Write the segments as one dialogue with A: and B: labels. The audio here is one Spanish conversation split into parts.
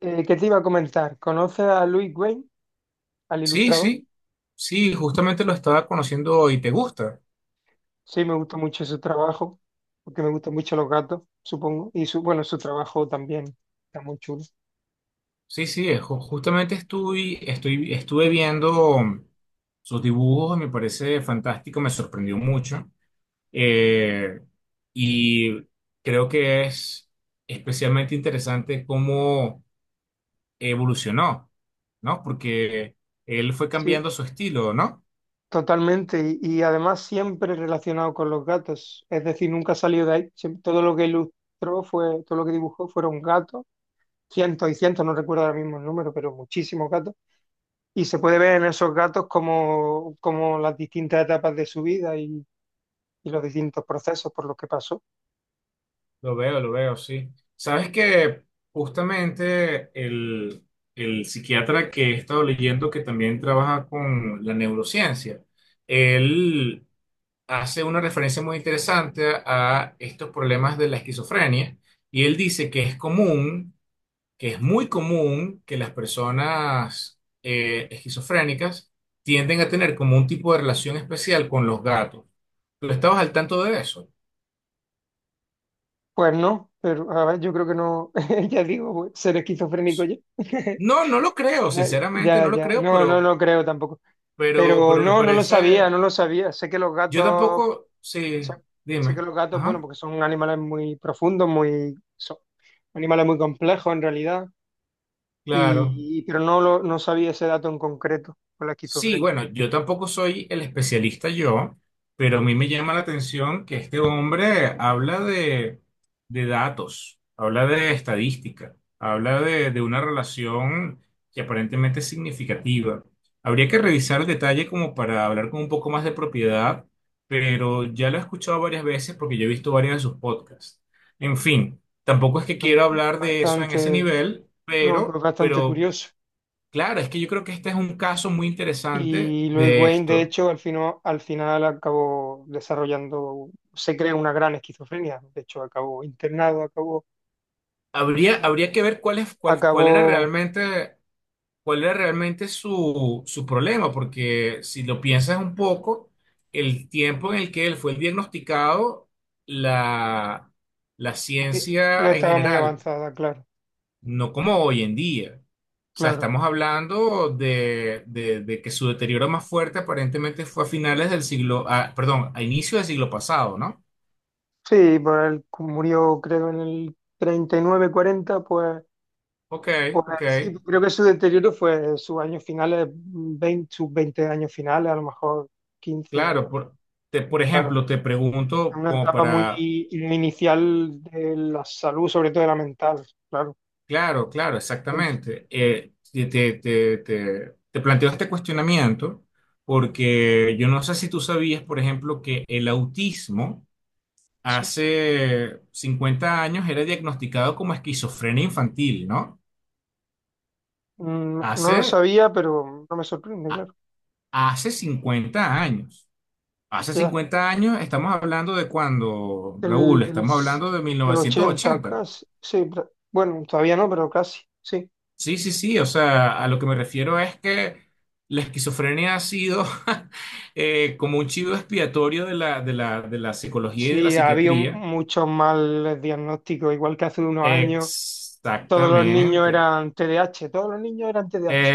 A: ¿Qué te iba a comentar? ¿Conoces a Louis Wayne, al
B: Sí,
A: ilustrador?
B: sí, sí, justamente lo estaba conociendo hoy. ¿Te gusta?
A: Sí, me gusta mucho su trabajo, porque me gustan mucho los gatos, supongo. Y su, bueno, su trabajo también está muy chulo.
B: Sí, sí, justamente estuve viendo sus dibujos, me parece fantástico, me sorprendió mucho. Eh, y creo que es especialmente interesante cómo evolucionó, ¿no? Porque él fue
A: Sí,
B: cambiando su estilo, ¿no?
A: totalmente. Y además siempre relacionado con los gatos. Es decir, nunca salió de ahí. Todo lo que ilustró fue, todo lo que dibujó fueron gatos. Cientos y cientos, no recuerdo ahora mismo el número, pero muchísimos gatos. Y se puede ver en esos gatos como las distintas etapas de su vida y los distintos procesos por los que pasó.
B: Lo veo, sí. Sabes que justamente el psiquiatra que he estado leyendo, que también trabaja con la neurociencia, él hace una referencia muy interesante a estos problemas de la esquizofrenia y él dice que es común, que es muy común que las personas esquizofrénicas tienden a tener como un tipo de relación especial con los gatos. ¿Tú estabas al tanto de eso?
A: Pues no, pero a ver, yo creo que no, ya digo, pues, ser esquizofrénico ya.
B: No, no lo creo,
A: Ya,
B: sinceramente
A: ya,
B: no lo
A: ya.
B: creo,
A: No, no,
B: pero.
A: no creo tampoco.
B: Pero,
A: Pero
B: pero me
A: no, no lo sabía,
B: parece,
A: no lo sabía. Sé que los
B: yo
A: gatos,
B: tampoco,
A: sé,
B: sí,
A: sé que
B: dime,
A: los gatos, bueno,
B: ajá,
A: porque son animales muy profundos, muy, son animales muy complejos en realidad,
B: claro.
A: pero no lo, no sabía ese dato en concreto con la
B: Sí,
A: esquizofrenia.
B: bueno, yo tampoco soy el especialista yo, pero a mí me llama la atención que este hombre habla de datos, habla de estadística, habla de una relación que aparentemente es significativa. Habría que revisar el detalle como para hablar con un poco más de propiedad, pero ya lo he escuchado varias veces porque yo he visto varios de sus podcasts. En fin, tampoco es que quiero hablar de eso en
A: Bastante,
B: ese nivel,
A: no, pero
B: pero,
A: bastante
B: pero
A: curioso.
B: Claro, es que yo creo que este es un caso muy interesante
A: Y Lois
B: de
A: Wayne, de
B: esto.
A: hecho, al final acabó desarrollando, se crea una gran esquizofrenia. De hecho, acabó internado, acabó,
B: Habría que ver cuál es,
A: acabó,
B: cuál era realmente su problema, porque si lo piensas un poco, el tiempo en el que él fue diagnosticado, la, la
A: no
B: ciencia en
A: estaba muy
B: general,
A: avanzada, claro,
B: no como hoy en día. O sea,
A: claro.
B: estamos hablando de que su deterioro más fuerte aparentemente fue a finales del siglo, ah, perdón, a inicios del siglo pasado, ¿no?
A: Sí, por él murió, creo, en el 39-40 pues,
B: Ok,
A: pues
B: ok.
A: sí, creo que su deterioro fue sus años finales, 20, sus 20 años finales, a lo mejor 15 algo
B: Claro,
A: así.
B: por
A: Claro,
B: ejemplo, te pregunto
A: una
B: como
A: etapa muy,
B: para,
A: muy inicial de la salud, sobre todo de la mental, claro.
B: claro, claro,
A: Ent-
B: exactamente. Te planteo este cuestionamiento porque yo no sé si tú sabías, por ejemplo, que el autismo
A: sí.
B: hace 50 años era diagnosticado como esquizofrenia infantil, ¿no?
A: No lo
B: Hace,
A: sabía, pero no me sorprende,
B: a-
A: claro.
B: hace 50 años. Hace
A: Ya,
B: 50 años estamos hablando de cuando, Raúl,
A: del, del,
B: estamos
A: s-
B: hablando de mil
A: del
B: novecientos
A: 80,
B: ochenta
A: casi, sí, bueno, todavía no, pero casi, sí.
B: Sí, sí, sí, o sea, a lo que me refiero es que la esquizofrenia ha sido como un chivo expiatorio de la psicología y de la
A: Sí, ha habido
B: psiquiatría.
A: muchos mal diagnósticos, igual que hace unos años, todos los niños
B: Exactamente,
A: eran TDAH, todos los niños eran TDAH,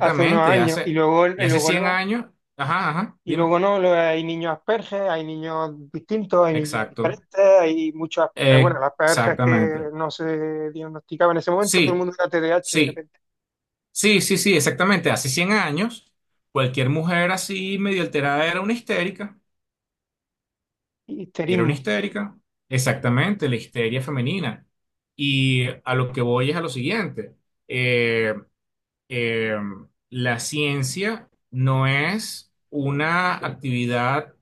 A: hace unos años,
B: y
A: y
B: hace
A: luego
B: 100
A: no.
B: años, ajá, ajá,
A: Y luego
B: dime,
A: no, hay niños asperges, hay niños distintos, hay niños
B: exacto,
A: diferentes, hay muchos, bueno, las asperges que
B: exactamente,
A: no se diagnosticaban en ese momento, todo el
B: sí,
A: mundo era TDAH de
B: sí,
A: repente.
B: sí, sí, sí, exactamente, hace 100 años, cualquier mujer así medio alterada era una histérica. Era una
A: Histerismo,
B: histérica, exactamente, la histeria femenina. Y a lo que voy es a lo siguiente. Eh, eh, la ciencia no es una actividad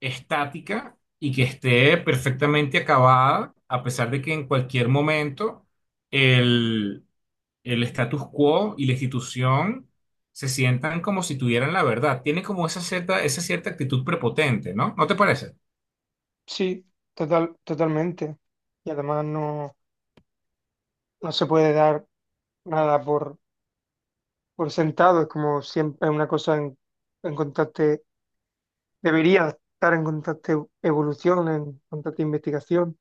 B: estática y que esté perfectamente acabada, a pesar de que en cualquier momento el, el status quo y la institución se sientan como si tuvieran la verdad. Tiene como esa cierta actitud prepotente, ¿no? ¿No te parece?
A: sí, total, totalmente. Y además no, no se puede dar nada por, por sentado, es como siempre una cosa en constante, debería estar en constante evolución, en constante investigación.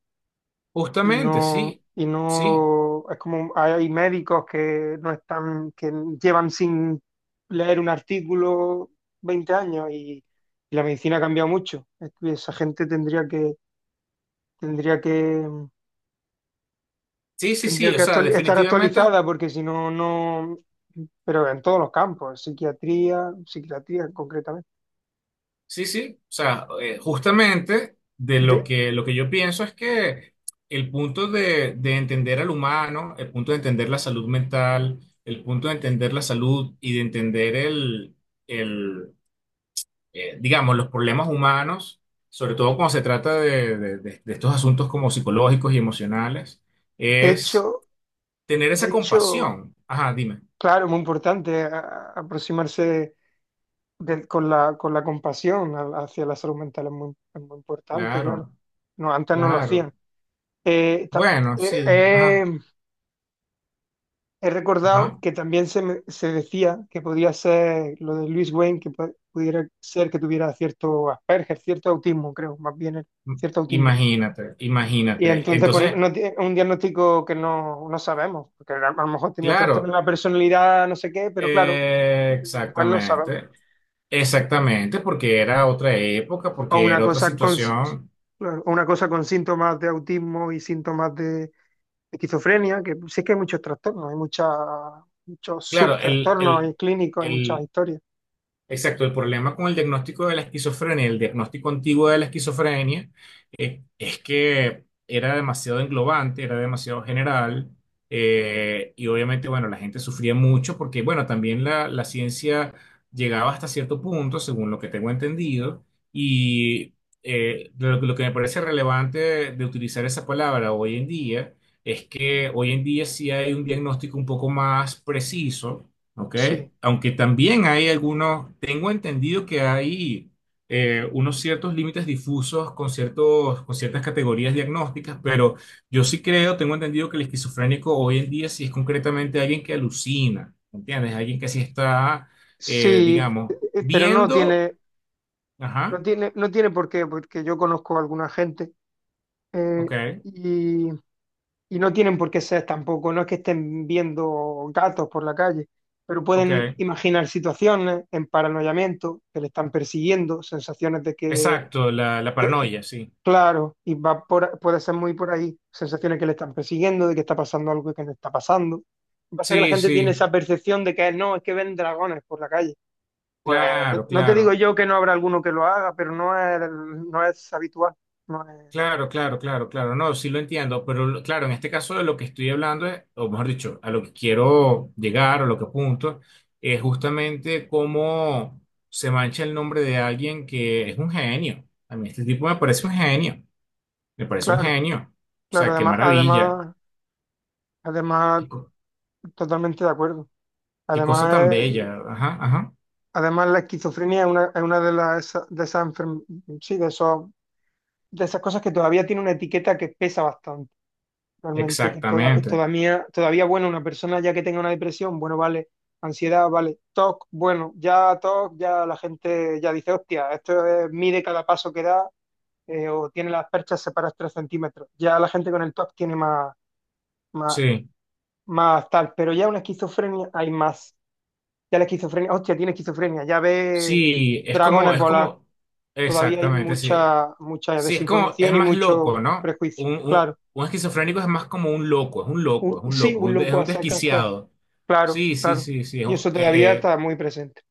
A: y
B: Justamente,
A: no,
B: sí,
A: Y
B: sí,
A: no, es como hay médicos que no están, que llevan sin leer un artículo 20 años y la medicina ha cambiado mucho. Es que esa gente tendría que, tendría que,
B: sí, sí,
A: tendría
B: sí, o
A: que
B: sea,
A: estar
B: definitivamente,
A: actualizada porque si no, no, pero en todos los campos, psiquiatría, psiquiatría concretamente.
B: sí, sí, o sea, justamente de
A: De,
B: lo que yo pienso es que el punto de entender al humano, el punto de entender la salud mental, el punto de entender la salud y de entender el, digamos, los problemas humanos, sobre todo cuando se trata de estos asuntos como psicológicos y emocionales,
A: de
B: es
A: hecho,
B: tener
A: de
B: esa
A: hecho,
B: compasión. Ajá, dime,
A: claro, muy importante aproximarse con la compasión hacia la salud mental es muy importante, claro.
B: claro,
A: No, antes no lo hacían.
B: claro.
A: Eh, ta-
B: Bueno,
A: eh,
B: sí, ajá,
A: eh, he recordado
B: ajá.
A: que también se, se decía que podía ser lo de Luis Wayne, que pudiera ser que tuviera cierto Asperger, cierto autismo, creo, más bien
B: M-
A: cierto autismo.
B: Imagínate,
A: Y
B: imagínate.
A: entonces, pues,
B: Entonces,
A: no tie- un diagnóstico que no, no sabemos, porque a lo mejor tenía trastorno de
B: claro,
A: la personalidad, no sé qué, pero claro, pues no sabemos.
B: exactamente, exactamente, porque era otra época,
A: o
B: porque
A: una
B: era otra
A: cosa con,
B: situación.
A: o una cosa con síntomas de autismo y síntomas de esquizofrenia, que sí que hay muchos trastornos, hay mucha, muchos
B: Claro,
A: subtrastornos hay clínicos, hay muchas
B: el,
A: historias.
B: exacto, el problema con el diagnóstico de la esquizofrenia, el diagnóstico antiguo de la esquizofrenia, es que era demasiado englobante, era demasiado general, y obviamente, bueno, la gente sufría mucho porque, bueno, también la ciencia llegaba hasta cierto punto, según lo que tengo entendido, y lo que me parece relevante de utilizar esa palabra hoy en día es que hoy en día sí hay un diagnóstico un poco más preciso, ¿ok?
A: Sí,
B: Aunque también hay algunos, tengo entendido que hay unos ciertos límites difusos con ciertos, con ciertas categorías diagnósticas, pero yo sí creo, tengo entendido que el esquizofrénico hoy en día sí es concretamente alguien que alucina, ¿entiendes? Alguien que sí está,
A: sí,
B: digamos,
A: eh, pero no
B: viendo,
A: tiene,
B: ajá,
A: no tiene por qué, porque yo conozco a alguna gente eh,
B: ok,
A: y, y no tienen por qué ser tampoco, no es que estén viendo gatos por la calle, pero
B: ok,
A: pueden imaginar situaciones en paranoiamiento, que le están persiguiendo, sensaciones de que
B: exacto, la paranoia, sí.
A: claro, y va por, puede ser muy por ahí, sensaciones que le están persiguiendo, de que está pasando algo que no está pasando. Lo que pasa es que la
B: Sí,
A: gente tiene
B: sí,
A: esa percepción de que no, es que ven dragones por la calle. Pues no,
B: claro,
A: no te digo
B: claro.
A: yo que no habrá alguno que lo haga, pero no es, no es habitual. No es,
B: Claro, claro, claro, claro, no, sí lo entiendo, claro, en este caso de lo que estoy hablando, o mejor dicho, a lo que quiero llegar, a lo que apunto, es justamente cómo se mancha el nombre de alguien que es un genio. A mí este tipo me parece un genio, me parece un
A: claro,
B: genio. O
A: claro,
B: sea, qué
A: además,
B: maravilla,
A: además, además,
B: qué, co-
A: totalmente de acuerdo.
B: qué cosa tan
A: Además, el-
B: bella. Ajá, ajá,
A: Además, la esquizofrenia es una de las de sí, de esas cosas que todavía tiene una etiqueta que pesa bastante. Realmente que
B: exactamente.
A: todavía, todavía, bueno, una persona ya que tenga una depresión, bueno, vale, ansiedad, vale, TOC, bueno, ya TOC, ya la gente ya dice, hostia, mide cada paso que da o tiene las perchas separadas 3 centímetros. Ya la gente con el TOC tiene más, más,
B: Sí,
A: más tal, pero ya una esquizofrenia hay más. Ya la esquizofrenia, hostia, tiene esquizofrenia, ya ve
B: sí,
A: dragones
B: es
A: volar.
B: como,
A: Todavía hay
B: exactamente, sí.
A: mucha, mucha
B: Sí, es
A: desinformación y
B: más loco,
A: mucho
B: ¿no?
A: prejuicio,
B: Un, un,
A: claro.
B: un esquizofrénico es más como un loco, es un loco, es un
A: Sí,
B: loco,
A: un
B: es
A: loco a
B: un
A: secas, claro.
B: desquiciado.
A: Claro,
B: Sí, sí,
A: claro.
B: sí, sí.
A: Y eso todavía está muy presente.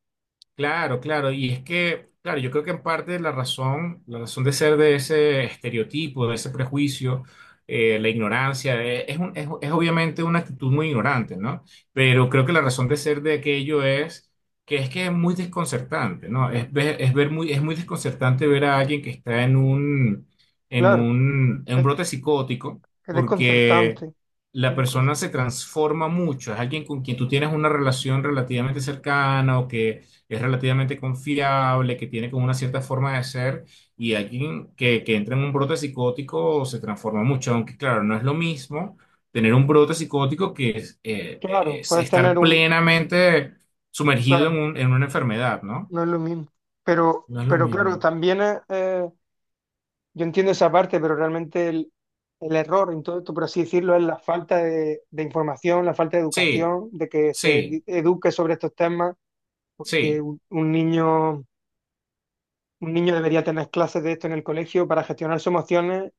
B: Claro, claro, y es que, claro, yo creo que en parte la razón de ser de ese estereotipo, de ese prejuicio, la ignorancia, es obviamente una actitud muy ignorante, ¿no? Pero creo que la razón de ser de aquello es que es muy desconcertante, ¿no? Es muy desconcertante ver a alguien que está en un,
A: Claro,
B: en un
A: es,
B: brote psicótico,
A: es
B: porque
A: desconcertante.
B: la
A: es
B: persona
A: desconcert-
B: se transforma mucho, es alguien con quien tú tienes una relación relativamente cercana o que es relativamente confiable, que tiene como una cierta forma de ser, y alguien que entra en un brote psicótico se transforma mucho, aunque claro, no es lo mismo tener un brote psicótico que
A: Claro,
B: es
A: puedes
B: estar
A: tener un...
B: plenamente sumergido
A: Claro,
B: en una enfermedad, ¿no?
A: no es lo mismo.
B: No es lo
A: Pero claro,
B: mismo.
A: también es, yo entiendo esa parte, pero realmente el error en todo esto, por así decirlo, es la falta de información, la falta de
B: Sí,
A: educación, de que
B: sí,
A: eduque sobre estos temas, porque
B: sí,
A: un niño debería tener clases de esto en el colegio para gestionar sus emociones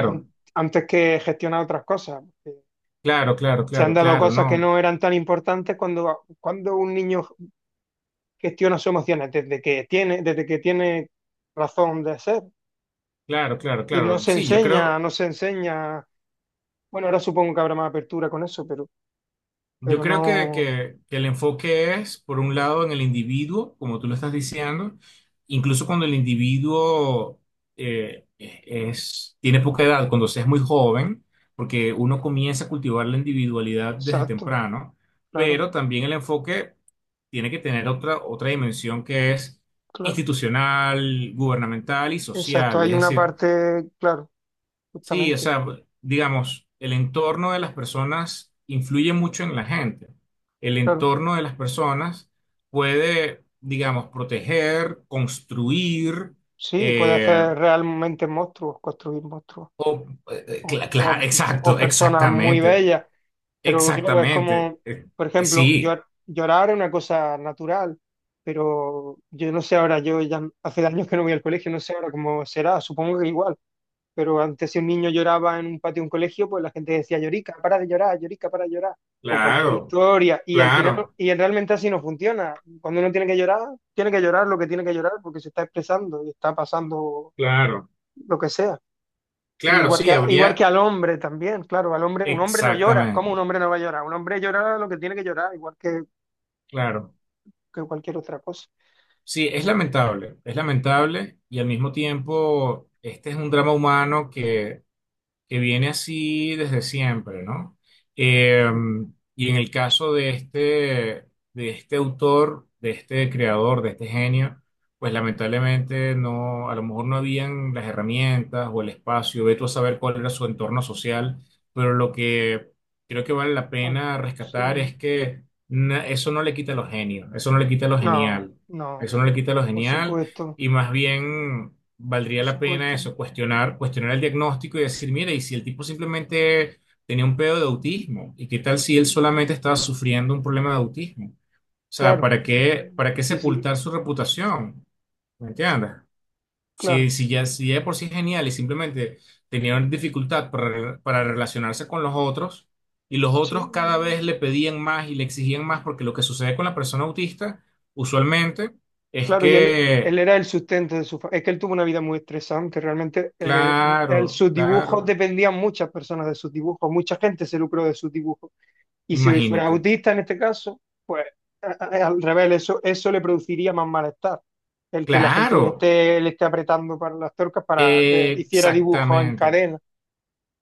A: an- antes que gestionar otras cosas.
B: claro, claro,
A: Se han
B: claro,
A: dado
B: claro,
A: cosas que
B: no,
A: no eran tan importantes cuando un niño gestiona sus emociones desde que tiene razón de ser.
B: claro, claro,
A: Y no
B: claro.
A: se
B: Sí, yo
A: enseña,
B: creo.
A: no se enseña. Bueno, ahora supongo que habrá más apertura con eso,
B: Yo
A: pero
B: creo
A: no.
B: que el enfoque es, por un lado, en el individuo, como tú lo estás diciendo, incluso cuando el individuo tiene poca edad, cuando se es muy joven, porque uno comienza a cultivar la individualidad desde
A: Exacto,
B: temprano,
A: claro,
B: pero también el enfoque tiene que tener otra dimensión que es
A: claro.
B: institucional, gubernamental y
A: Exacto,
B: social.
A: hay
B: Es
A: una
B: decir,
A: parte, claro,
B: sí, o
A: justamente,
B: sea, digamos, el entorno de las personas influye mucho en la gente. El
A: claro.
B: entorno de las personas puede, digamos, proteger, construir,
A: Sí, puede
B: eh,
A: hacer realmente monstruos, construir monstruos.
B: o,
A: O, o-
B: exacto,
A: o personas muy
B: exactamente,
A: bellas. Pero claro, es
B: exactamente.
A: como,
B: Eh,
A: por
B: eh,
A: ejemplo,
B: sí,
A: llorar es una cosa natural, pero yo no sé ahora, yo ya hace años que no voy al colegio, no sé ahora cómo será, supongo que igual, pero antes si un niño lloraba en un patio de un colegio, pues la gente decía, llorica, para de llorar, llorica, para de llorar, o cualquier
B: claro,
A: historia, y al final,
B: claro,
A: y realmente así no funciona. Cuando uno tiene que llorar lo que tiene que llorar porque se está expresando y está pasando
B: claro,
A: lo que sea. Y
B: claro,
A: igual que,
B: sí,
A: igual que
B: habría,
A: al hombre también, claro, al hombre, un hombre no llora. ¿Cómo un
B: exactamente,
A: hombre no va a llorar? Un hombre llora lo que tiene que llorar,
B: claro.
A: que cualquier otra cosa.
B: Sí,
A: Pero bueno,
B: es lamentable y al mismo tiempo este es un drama humano que viene así desde siempre, ¿no? Eh,
A: sí,
B: y en el caso de este autor, de este creador, de este genio, pues lamentablemente no, a lo mejor no habían las herramientas o el espacio, ve tú a saber cuál era su entorno social, pero lo que creo que vale la
A: bueno,
B: pena rescatar
A: sí,
B: es que eso no le quita lo genio, eso no le quita lo
A: no,
B: genial,
A: no,
B: eso no le quita lo
A: por
B: genial.
A: supuesto,
B: Y más bien valdría
A: por
B: la pena
A: supuesto,
B: eso, cuestionar, cuestionar el diagnóstico y decir, mira, y si el tipo simplemente tenía un pedo de autismo, ¿y qué tal si él solamente estaba sufriendo un problema de autismo? O sea,
A: claro.
B: para qué
A: Y sí,
B: sepultar su reputación? ¿Me entiendes?
A: claro,
B: Si ya, si ya de por sí es genial y simplemente tenía una dificultad para relacionarse con los otros, y los otros
A: sí,
B: cada vez le pedían más y le exigían más, porque lo que sucede con la persona autista, usualmente, es
A: claro, y él
B: que.
A: era el sustento de su familia. Es que él tuvo una vida muy estresante, realmente
B: Claro,
A: sus dibujos
B: claro.
A: dependían muchas personas de sus dibujos, mucha gente se lucró de sus dibujos. Y si fuera
B: Imagínate.
A: autista en este caso, pues al revés, eso le produciría más malestar. El que la gente
B: Claro,
A: le esté apretando para las tuercas para que hiciera dibujos en
B: exactamente.
A: cadena.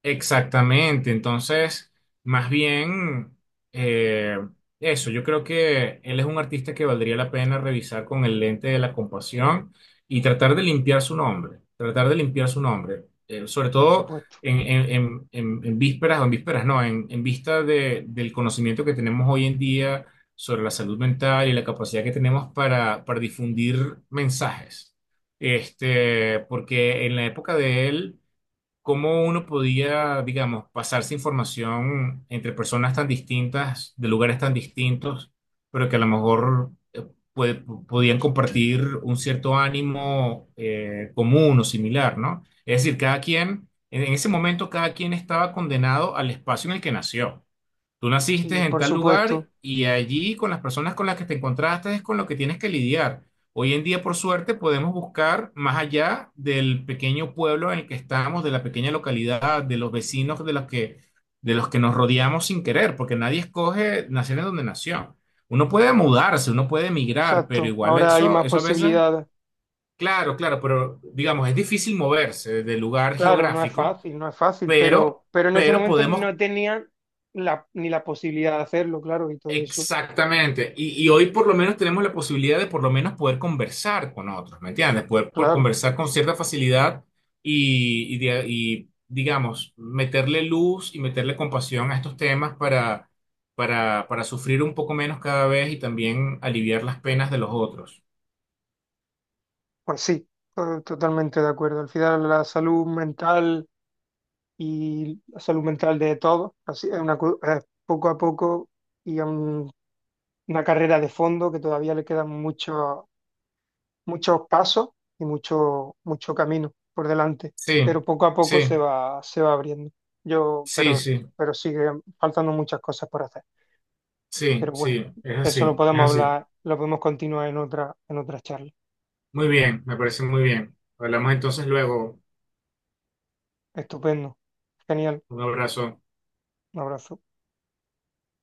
B: Exactamente, entonces, más bien, eh, eso, yo creo que él es un artista que valdría la pena revisar con el lente de la compasión y tratar de limpiar su nombre, tratar de limpiar su nombre, sobre
A: Por
B: todo
A: supuesto.
B: en vísperas, o en vísperas no, en vista del conocimiento que tenemos hoy en día sobre la salud mental y la capacidad que tenemos para difundir mensajes. Este, porque en la época de él cómo uno podía, digamos, pasarse información entre personas tan distintas, de lugares tan distintos, pero que a lo mejor podían compartir un cierto ánimo común o similar, ¿no? Es decir, cada quien, en ese momento, cada quien estaba condenado al espacio en el que nació. Tú naciste
A: Sí,
B: en
A: por
B: tal
A: supuesto.
B: lugar y allí con las personas con las que te encontraste es con lo que tienes que lidiar. Hoy en día, por suerte, podemos buscar más allá del pequeño pueblo en el que estamos, de la pequeña localidad, de los vecinos de los que nos rodeamos sin querer, porque nadie escoge nacer en donde nació. Uno puede mudarse, uno puede emigrar, pero
A: Exacto.
B: igual
A: Ahora hay más
B: eso a veces,
A: posibilidades.
B: claro, claro, pero digamos, es difícil moverse del lugar
A: Claro, no es
B: geográfico,
A: fácil, no es fácil,
B: pero
A: pero en ese
B: pero
A: momento
B: podemos.
A: no tenían la, ni la posibilidad de hacerlo, claro, y todo eso.
B: Exactamente. Y hoy por lo menos tenemos la posibilidad de por lo menos poder conversar con otros, ¿me entiendes? Poder
A: Claro,
B: conversar con cierta facilidad y, digamos, meterle luz y meterle compasión a estos temas para sufrir un poco menos cada vez y también aliviar las penas de los otros.
A: pues sí, totalmente de acuerdo. Al final la salud mental y la salud mental de todos. Así es una, es poco a poco y un- una carrera de fondo que todavía le quedan muchos muchos pasos y mucho, mucho camino por delante,
B: Sí,
A: pero poco a poco
B: sí,
A: se va abriendo. Yo,
B: sí,
A: pero,
B: sí,
A: pero sigue faltando muchas cosas por hacer.
B: sí,
A: Pero bueno,
B: sí, es
A: eso lo
B: así, es
A: podemos
B: así.
A: hablar, lo podemos continuar en otra charla.
B: Muy bien, me parece muy bien. Hablamos entonces luego.
A: Estupendo. Genial.
B: Un abrazo.
A: Un abrazo.